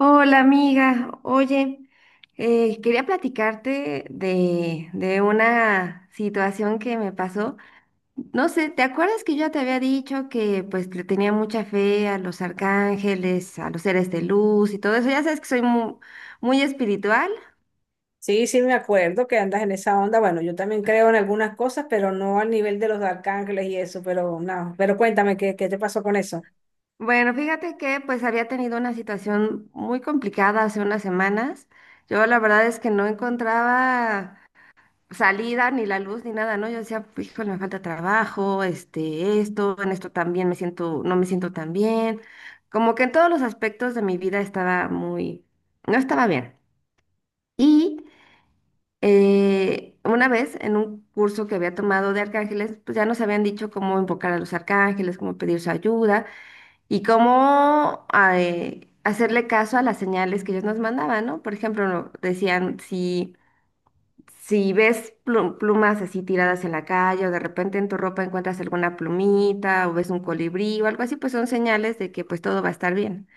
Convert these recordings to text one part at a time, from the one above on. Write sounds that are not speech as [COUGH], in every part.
Hola amiga, oye, quería platicarte de una situación que me pasó. No sé, ¿te acuerdas que yo ya te había dicho que pues le tenía mucha fe a los arcángeles, a los seres de luz y todo eso? Ya sabes que soy muy espiritual. Sí, sí, me acuerdo que andas en esa onda. Bueno, yo también creo en algunas cosas, pero no al nivel de los arcángeles y eso, pero no. Pero cuéntame, ¿qué te pasó con eso? Bueno, fíjate que pues había tenido una situación muy complicada hace unas semanas. Yo la verdad es que no encontraba salida, ni la luz, ni nada, ¿no? Yo decía, híjole, me falta trabajo, este, esto, en esto también me siento, no me siento tan bien. Como que en todos los aspectos de mi vida no estaba bien. Y una vez en un curso que había tomado de arcángeles, pues ya nos habían dicho cómo invocar a los arcángeles, cómo pedir su ayuda y cómo hacerle caso a las señales que ellos nos mandaban, ¿no? Por ejemplo, no, decían si ves plumas así tiradas en la calle o de repente en tu ropa encuentras alguna plumita o ves un colibrí o algo así, pues son señales de que pues todo va a estar bien.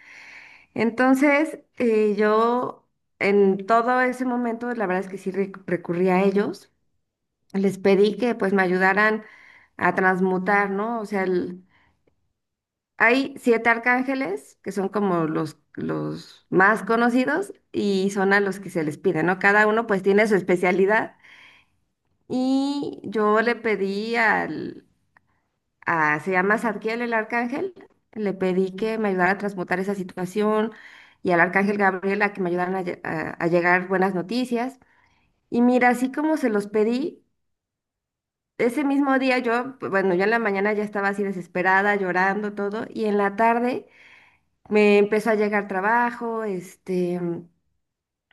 Entonces, yo en todo ese momento, la verdad es que sí recurrí a ellos. Les pedí que pues me ayudaran a transmutar, ¿no? O sea, hay siete arcángeles que son como los más conocidos y son a los que se les pide, ¿no? Cada uno pues tiene su especialidad. Y yo le pedí al, a, se llama Zadkiel el arcángel, le pedí que me ayudara a transmutar esa situación y al arcángel Gabriel a que me ayudaran a llegar buenas noticias. Y mira, así como se los pedí, ese mismo día yo, pues, bueno, yo en la mañana ya estaba así desesperada, llorando todo, y en la tarde me empezó a llegar trabajo, este...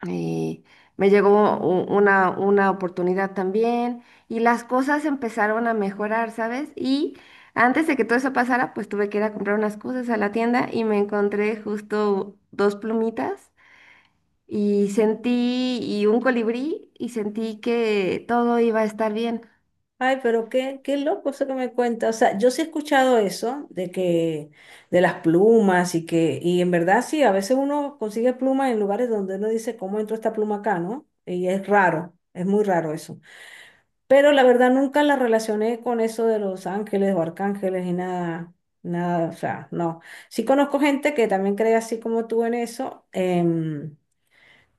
Y me llegó una oportunidad también y las cosas empezaron a mejorar, ¿sabes? Y antes de que todo eso pasara, pues tuve que ir a comprar unas cosas a la tienda y me encontré justo dos plumitas y sentí, y un colibrí y sentí que todo iba a estar bien. Ay, pero qué loco eso que me cuentas. O sea, yo sí he escuchado eso de las plumas y que, y en verdad sí, a veces uno consigue plumas en lugares donde uno dice, ¿cómo entró esta pluma acá, no? Y es raro, es muy raro eso. Pero la verdad nunca la relacioné con eso de los ángeles o arcángeles y nada, nada, o sea, no. Sí conozco gente que también cree así como tú en eso,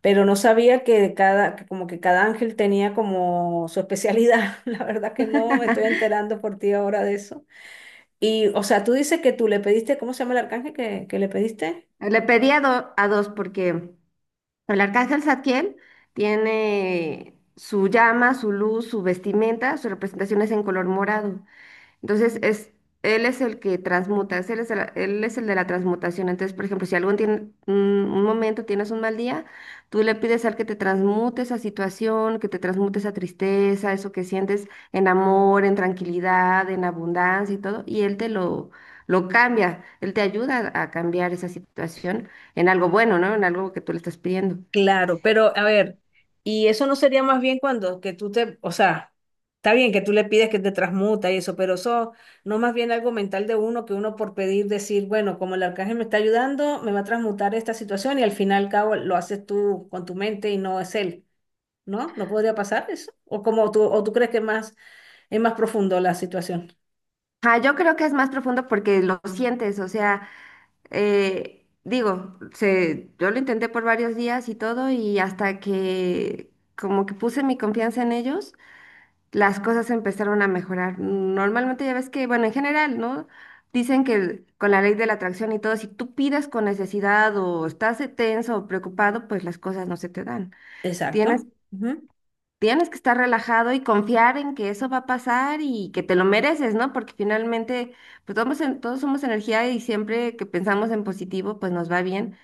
pero no sabía que de cada, que como que cada ángel tenía como su especialidad. [LAUGHS] La verdad que no, me estoy [LAUGHS] enterando por ti ahora de eso. Y, o sea, tú dices que tú le pediste, ¿cómo se llama el arcángel que le pediste? Le pedí a dos porque el arcángel Zadkiel tiene su llama, su luz, su vestimenta, su representación es en color morado. Entonces, es, él es el que transmuta, él es él es el de la transmutación. Entonces, por ejemplo, si algún tiene, un momento tienes un mal día, tú le pides al que te transmute esa situación, que te transmute esa tristeza, eso que sientes en amor, en tranquilidad, en abundancia y todo, lo cambia, él te ayuda a cambiar esa situación en algo bueno, ¿no? En algo que tú le estás pidiendo. Claro, pero a ver, y eso no sería más bien cuando que tú te, o sea, está bien que tú le pides que te transmuta y eso, pero eso no más bien algo mental de uno que uno por pedir decir, bueno, como el arcángel me está ayudando, me va a transmutar esta situación y al final cabo lo haces tú con tu mente y no es él, ¿no? ¿No podría pasar eso? O como tú, o tú crees que más es más profundo la situación. Ah, yo creo que es más profundo porque lo sientes, o sea... digo, se, yo lo intenté por varios días y todo, y hasta que como que puse mi confianza en ellos, las cosas empezaron a mejorar. Normalmente ya ves que, bueno, en general, ¿no? Dicen que con la ley de la atracción y todo, si tú pides con necesidad o estás tenso o preocupado, pues las cosas no se te dan. Tienes, Exacto. Ujú. tienes que estar relajado y confiar en que eso va a pasar y que te lo mereces, ¿no? Porque finalmente, pues todos somos energía y siempre que pensamos en positivo, pues nos va bien.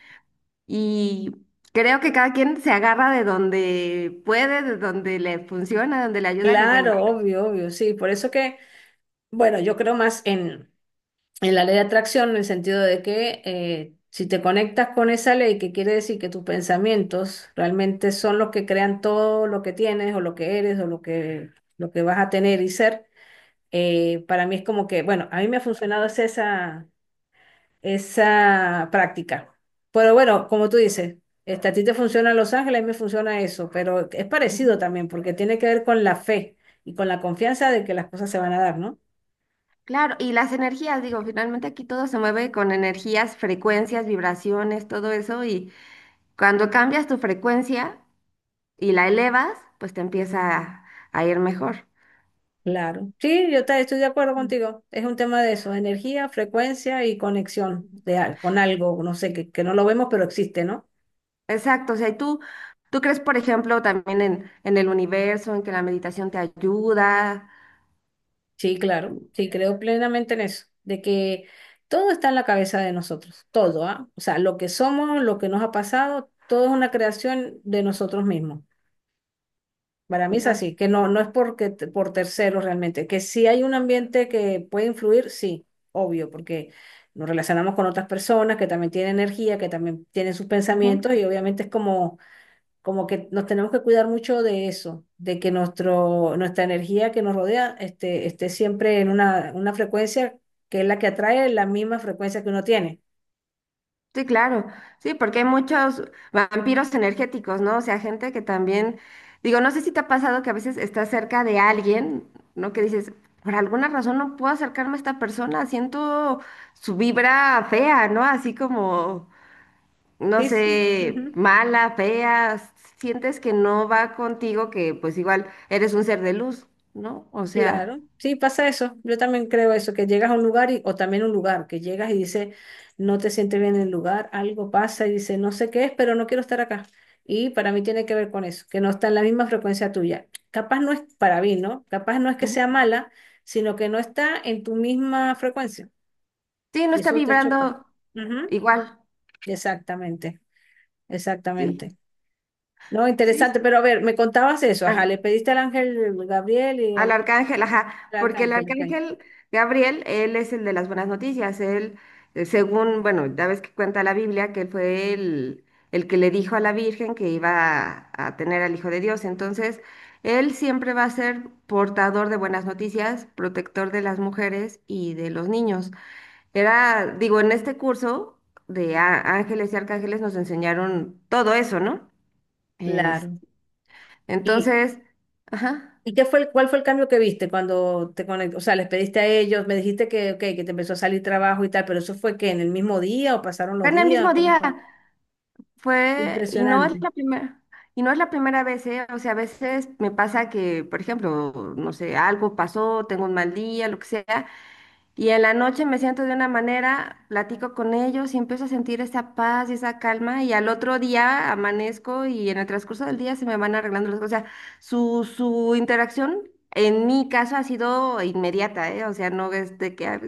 Y creo que cada quien se agarra de donde puede, de donde le funciona, donde le ayudan y bueno, Claro, va. obvio, obvio, sí, por eso que, bueno, yo creo más en la ley de atracción, en el sentido de que si te conectas con esa ley, que quiere decir que tus pensamientos realmente son los que crean todo lo que tienes o lo que eres o lo que vas a tener y ser, para mí es como que, bueno, a mí me ha funcionado es esa práctica. Pero bueno, como tú dices, a ti te funciona Los Ángeles, a mí me funciona eso, pero es parecido Ujú. también porque tiene que ver con la fe y con la confianza de que las cosas se van a dar, ¿no? Claro, y las energías, digo, finalmente aquí todo se mueve con energías, frecuencias, vibraciones, todo eso, y cuando cambias tu frecuencia y la elevas, pues te empieza a ir mejor. Claro. Sí, yo estoy de acuerdo. Mm. Contigo. Es un tema de eso, energía, frecuencia y conexión Ujú. de, con algo, no sé, que no lo vemos, pero existe, ¿no? Exacto, o sea, tú crees, por ejemplo, también en el universo, en que la meditación te ayuda. Sí, claro. Sí, creo plenamente en eso, de que todo está en la cabeza de nosotros, todo, ¿ah? O sea, lo que somos, lo que nos ha pasado, todo es una creación de nosotros mismos. Para mí es Ajá, así, que no, no es porque por terceros realmente, que si hay un ambiente que puede influir, sí, obvio, porque nos relacionamos con otras personas que también tienen energía, que también tienen sus ujú. pensamientos y obviamente es como, como que nos tenemos que cuidar mucho de eso, de que nuestra energía que nos rodea esté, esté siempre en una frecuencia que es la que atrae la misma frecuencia que uno tiene. Sí, claro, sí, porque hay muchos vampiros energéticos, ¿no? O sea, gente que también, digo, no sé si te ha pasado que a veces estás cerca de alguien, ¿no? Que dices, por alguna razón no puedo acercarme a esta persona, siento su vibra fea, ¿no? Así como, no Sí, sí. sé, mala, fea, sientes que no va contigo, que pues igual eres un ser de luz, ¿no? O sea, Claro, sí, pasa eso. Yo también creo eso, que llegas a un lugar y, o también un lugar, que llegas y dices, no te sientes bien en el lugar, algo pasa y dices, no sé qué es, pero no quiero estar acá. Y para mí tiene que ver con eso, que no está en la misma frecuencia tuya. Capaz no es para mí, ¿no? Capaz no es que sea ujú. mala, sino que no está en tu misma frecuencia. Sí, no Y está eso te choca. vibrando Ujú. igual, Exactamente, sí, exactamente. No, sí. interesante, pero a ver, me contabas eso, ajá, Ah. le pediste al ángel Gabriel y Al al, arcángel, ajá, al porque el arcángel, ok. arcángel Gabriel, él es el de las buenas noticias, él, según, bueno, ya ves que cuenta la Biblia, que él fue el que le dijo a la Virgen que iba a tener al Hijo de Dios, entonces, él siempre va a ser portador de buenas noticias, protector de las mujeres y de los niños. Era, digo, en este curso de ángeles y arcángeles nos enseñaron todo eso, ¿no? Es- Claro. Y entonces, ajá, ¿y qué fue cuál fue el cambio que viste cuando te conectaste? O sea, les pediste a ellos, me dijiste que, ok, que te empezó a salir trabajo y tal, pero eso fue que en el mismo día o pasaron los fue en el días, mismo ¿cómo día. fue? Fue, Impresionante. Y no es la primera vez, ¿eh? O sea, a veces me pasa que, por ejemplo, no sé, algo pasó, tengo un mal día, lo que sea, y en la noche me siento de una manera, platico con ellos y empiezo a sentir esa paz y esa calma, y al otro día amanezco y en el transcurso del día se me van arreglando las cosas. O sea, su interacción en mi caso ha sido inmediata, ¿eh? O sea, no es de que ah,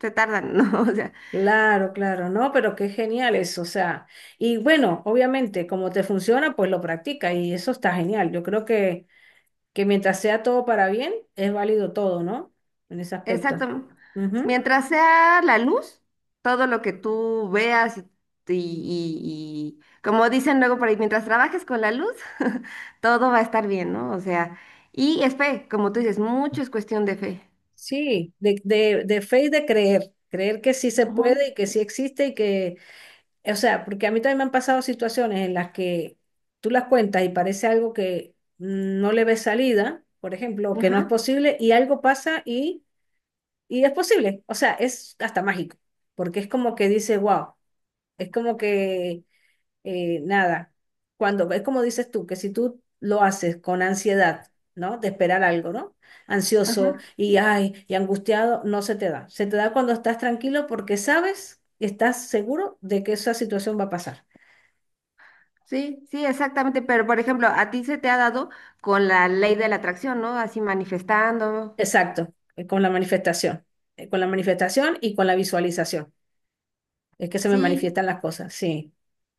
se tardan, [LAUGHS] ¿no? O sea, Claro, claro, no, pero qué genial eso, o sea, y bueno, obviamente, como te funciona, pues lo practica y eso está genial. Yo creo que mientras sea todo para bien, es válido todo, ¿no? En ese aspecto. exacto. Ujú. Mientras sea la luz, todo lo que tú veas como dicen luego por ahí, mientras trabajes con la luz, [LAUGHS] todo va a estar bien, ¿no? O sea, y es fe, como tú dices, mucho es cuestión de fe. Sí, de fe y de creer, creer que sí se Ujú. puede y que sí existe y que o sea, porque a mí también me han pasado situaciones en las que tú las cuentas y parece algo que no le ves salida, por ejemplo, o que no es Ajá, posible, y algo pasa y es posible. O sea, es hasta mágico, porque es como que dice, wow, es como que nada, cuando es como dices tú, que si tú lo haces con ansiedad, ¿no? De esperar algo, ¿no? Ansioso ajá. y, ay, y angustiado, no se te da. Se te da cuando estás tranquilo porque sabes, estás seguro de que esa situación va a pasar. Sí, sí, exactamente. Pero, por ejemplo, a ti se te ha dado con la ley de la atracción, ¿no? Así manifestando. Exacto, con la manifestación y con la visualización. Es que se me Sí. manifiestan las cosas, sí,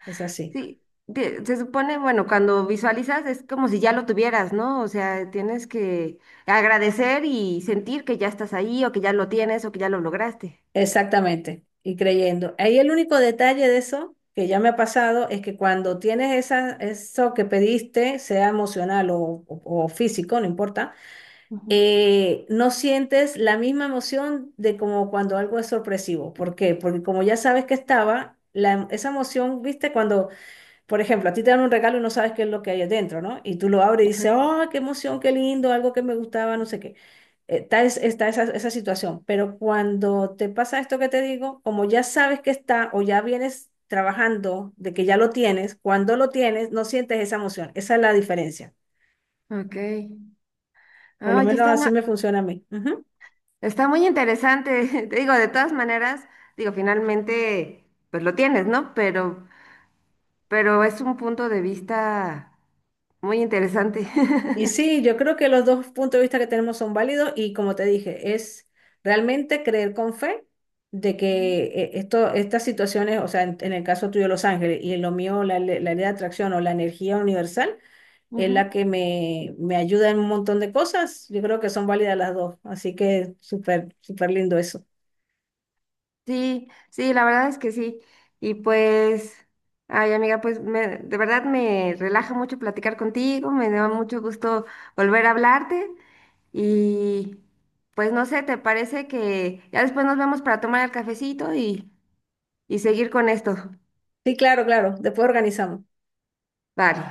es así, Sí, se supone, bueno, cuando visualizas es como si ya lo tuvieras, ¿no? O sea, tienes que agradecer y sentir que ya estás ahí o que ya lo tienes o que ya lo lograste. exactamente, y creyendo. Ahí el único detalle de eso que ya me ha pasado es que cuando tienes esa, eso que pediste, sea emocional o, o físico, no importa, Ujú. No sientes la misma emoción de como cuando algo es sorpresivo. ¿Por qué? Porque como ya sabes que estaba, la esa emoción, viste, cuando... Por ejemplo, a ti te dan un regalo y no sabes qué es lo que hay adentro, ¿no? Y tú lo abres y Ajá. dices, ¡oh, qué emoción, qué lindo, algo que me gustaba, no sé qué! Está, está esa, esa situación. Pero cuando te pasa esto que te digo, como ya sabes que está o ya vienes trabajando de que ya lo tienes, cuando lo tienes, no sientes esa emoción. Esa es la diferencia. Ok. Por lo Oye, menos así me funciona a mí. Ujú. está muy interesante. [LAUGHS] Te digo, de todas maneras, digo, finalmente, pues lo tienes, ¿no? Pero es un punto de vista muy interesante. Y [LAUGHS] sí, yo creo que los dos puntos de vista que tenemos son válidos y como te dije, es realmente creer con fe de Ujú. que esto, estas situaciones, o sea, en el caso tuyo Los Ángeles y en lo mío la, la ley de atracción o la energía universal es la Ujú. que me ayuda en un montón de cosas, yo creo que son válidas las dos, así que súper, súper lindo eso. Sí, sí, la verdad es que sí. Y pues, ay amiga, pues de verdad me relaja mucho platicar contigo, me da mucho gusto volver a hablarte y pues no sé, ¿te parece que ya después nos vemos para tomar el cafecito y seguir con esto? Sí, claro, claro, después organizamos. Vale.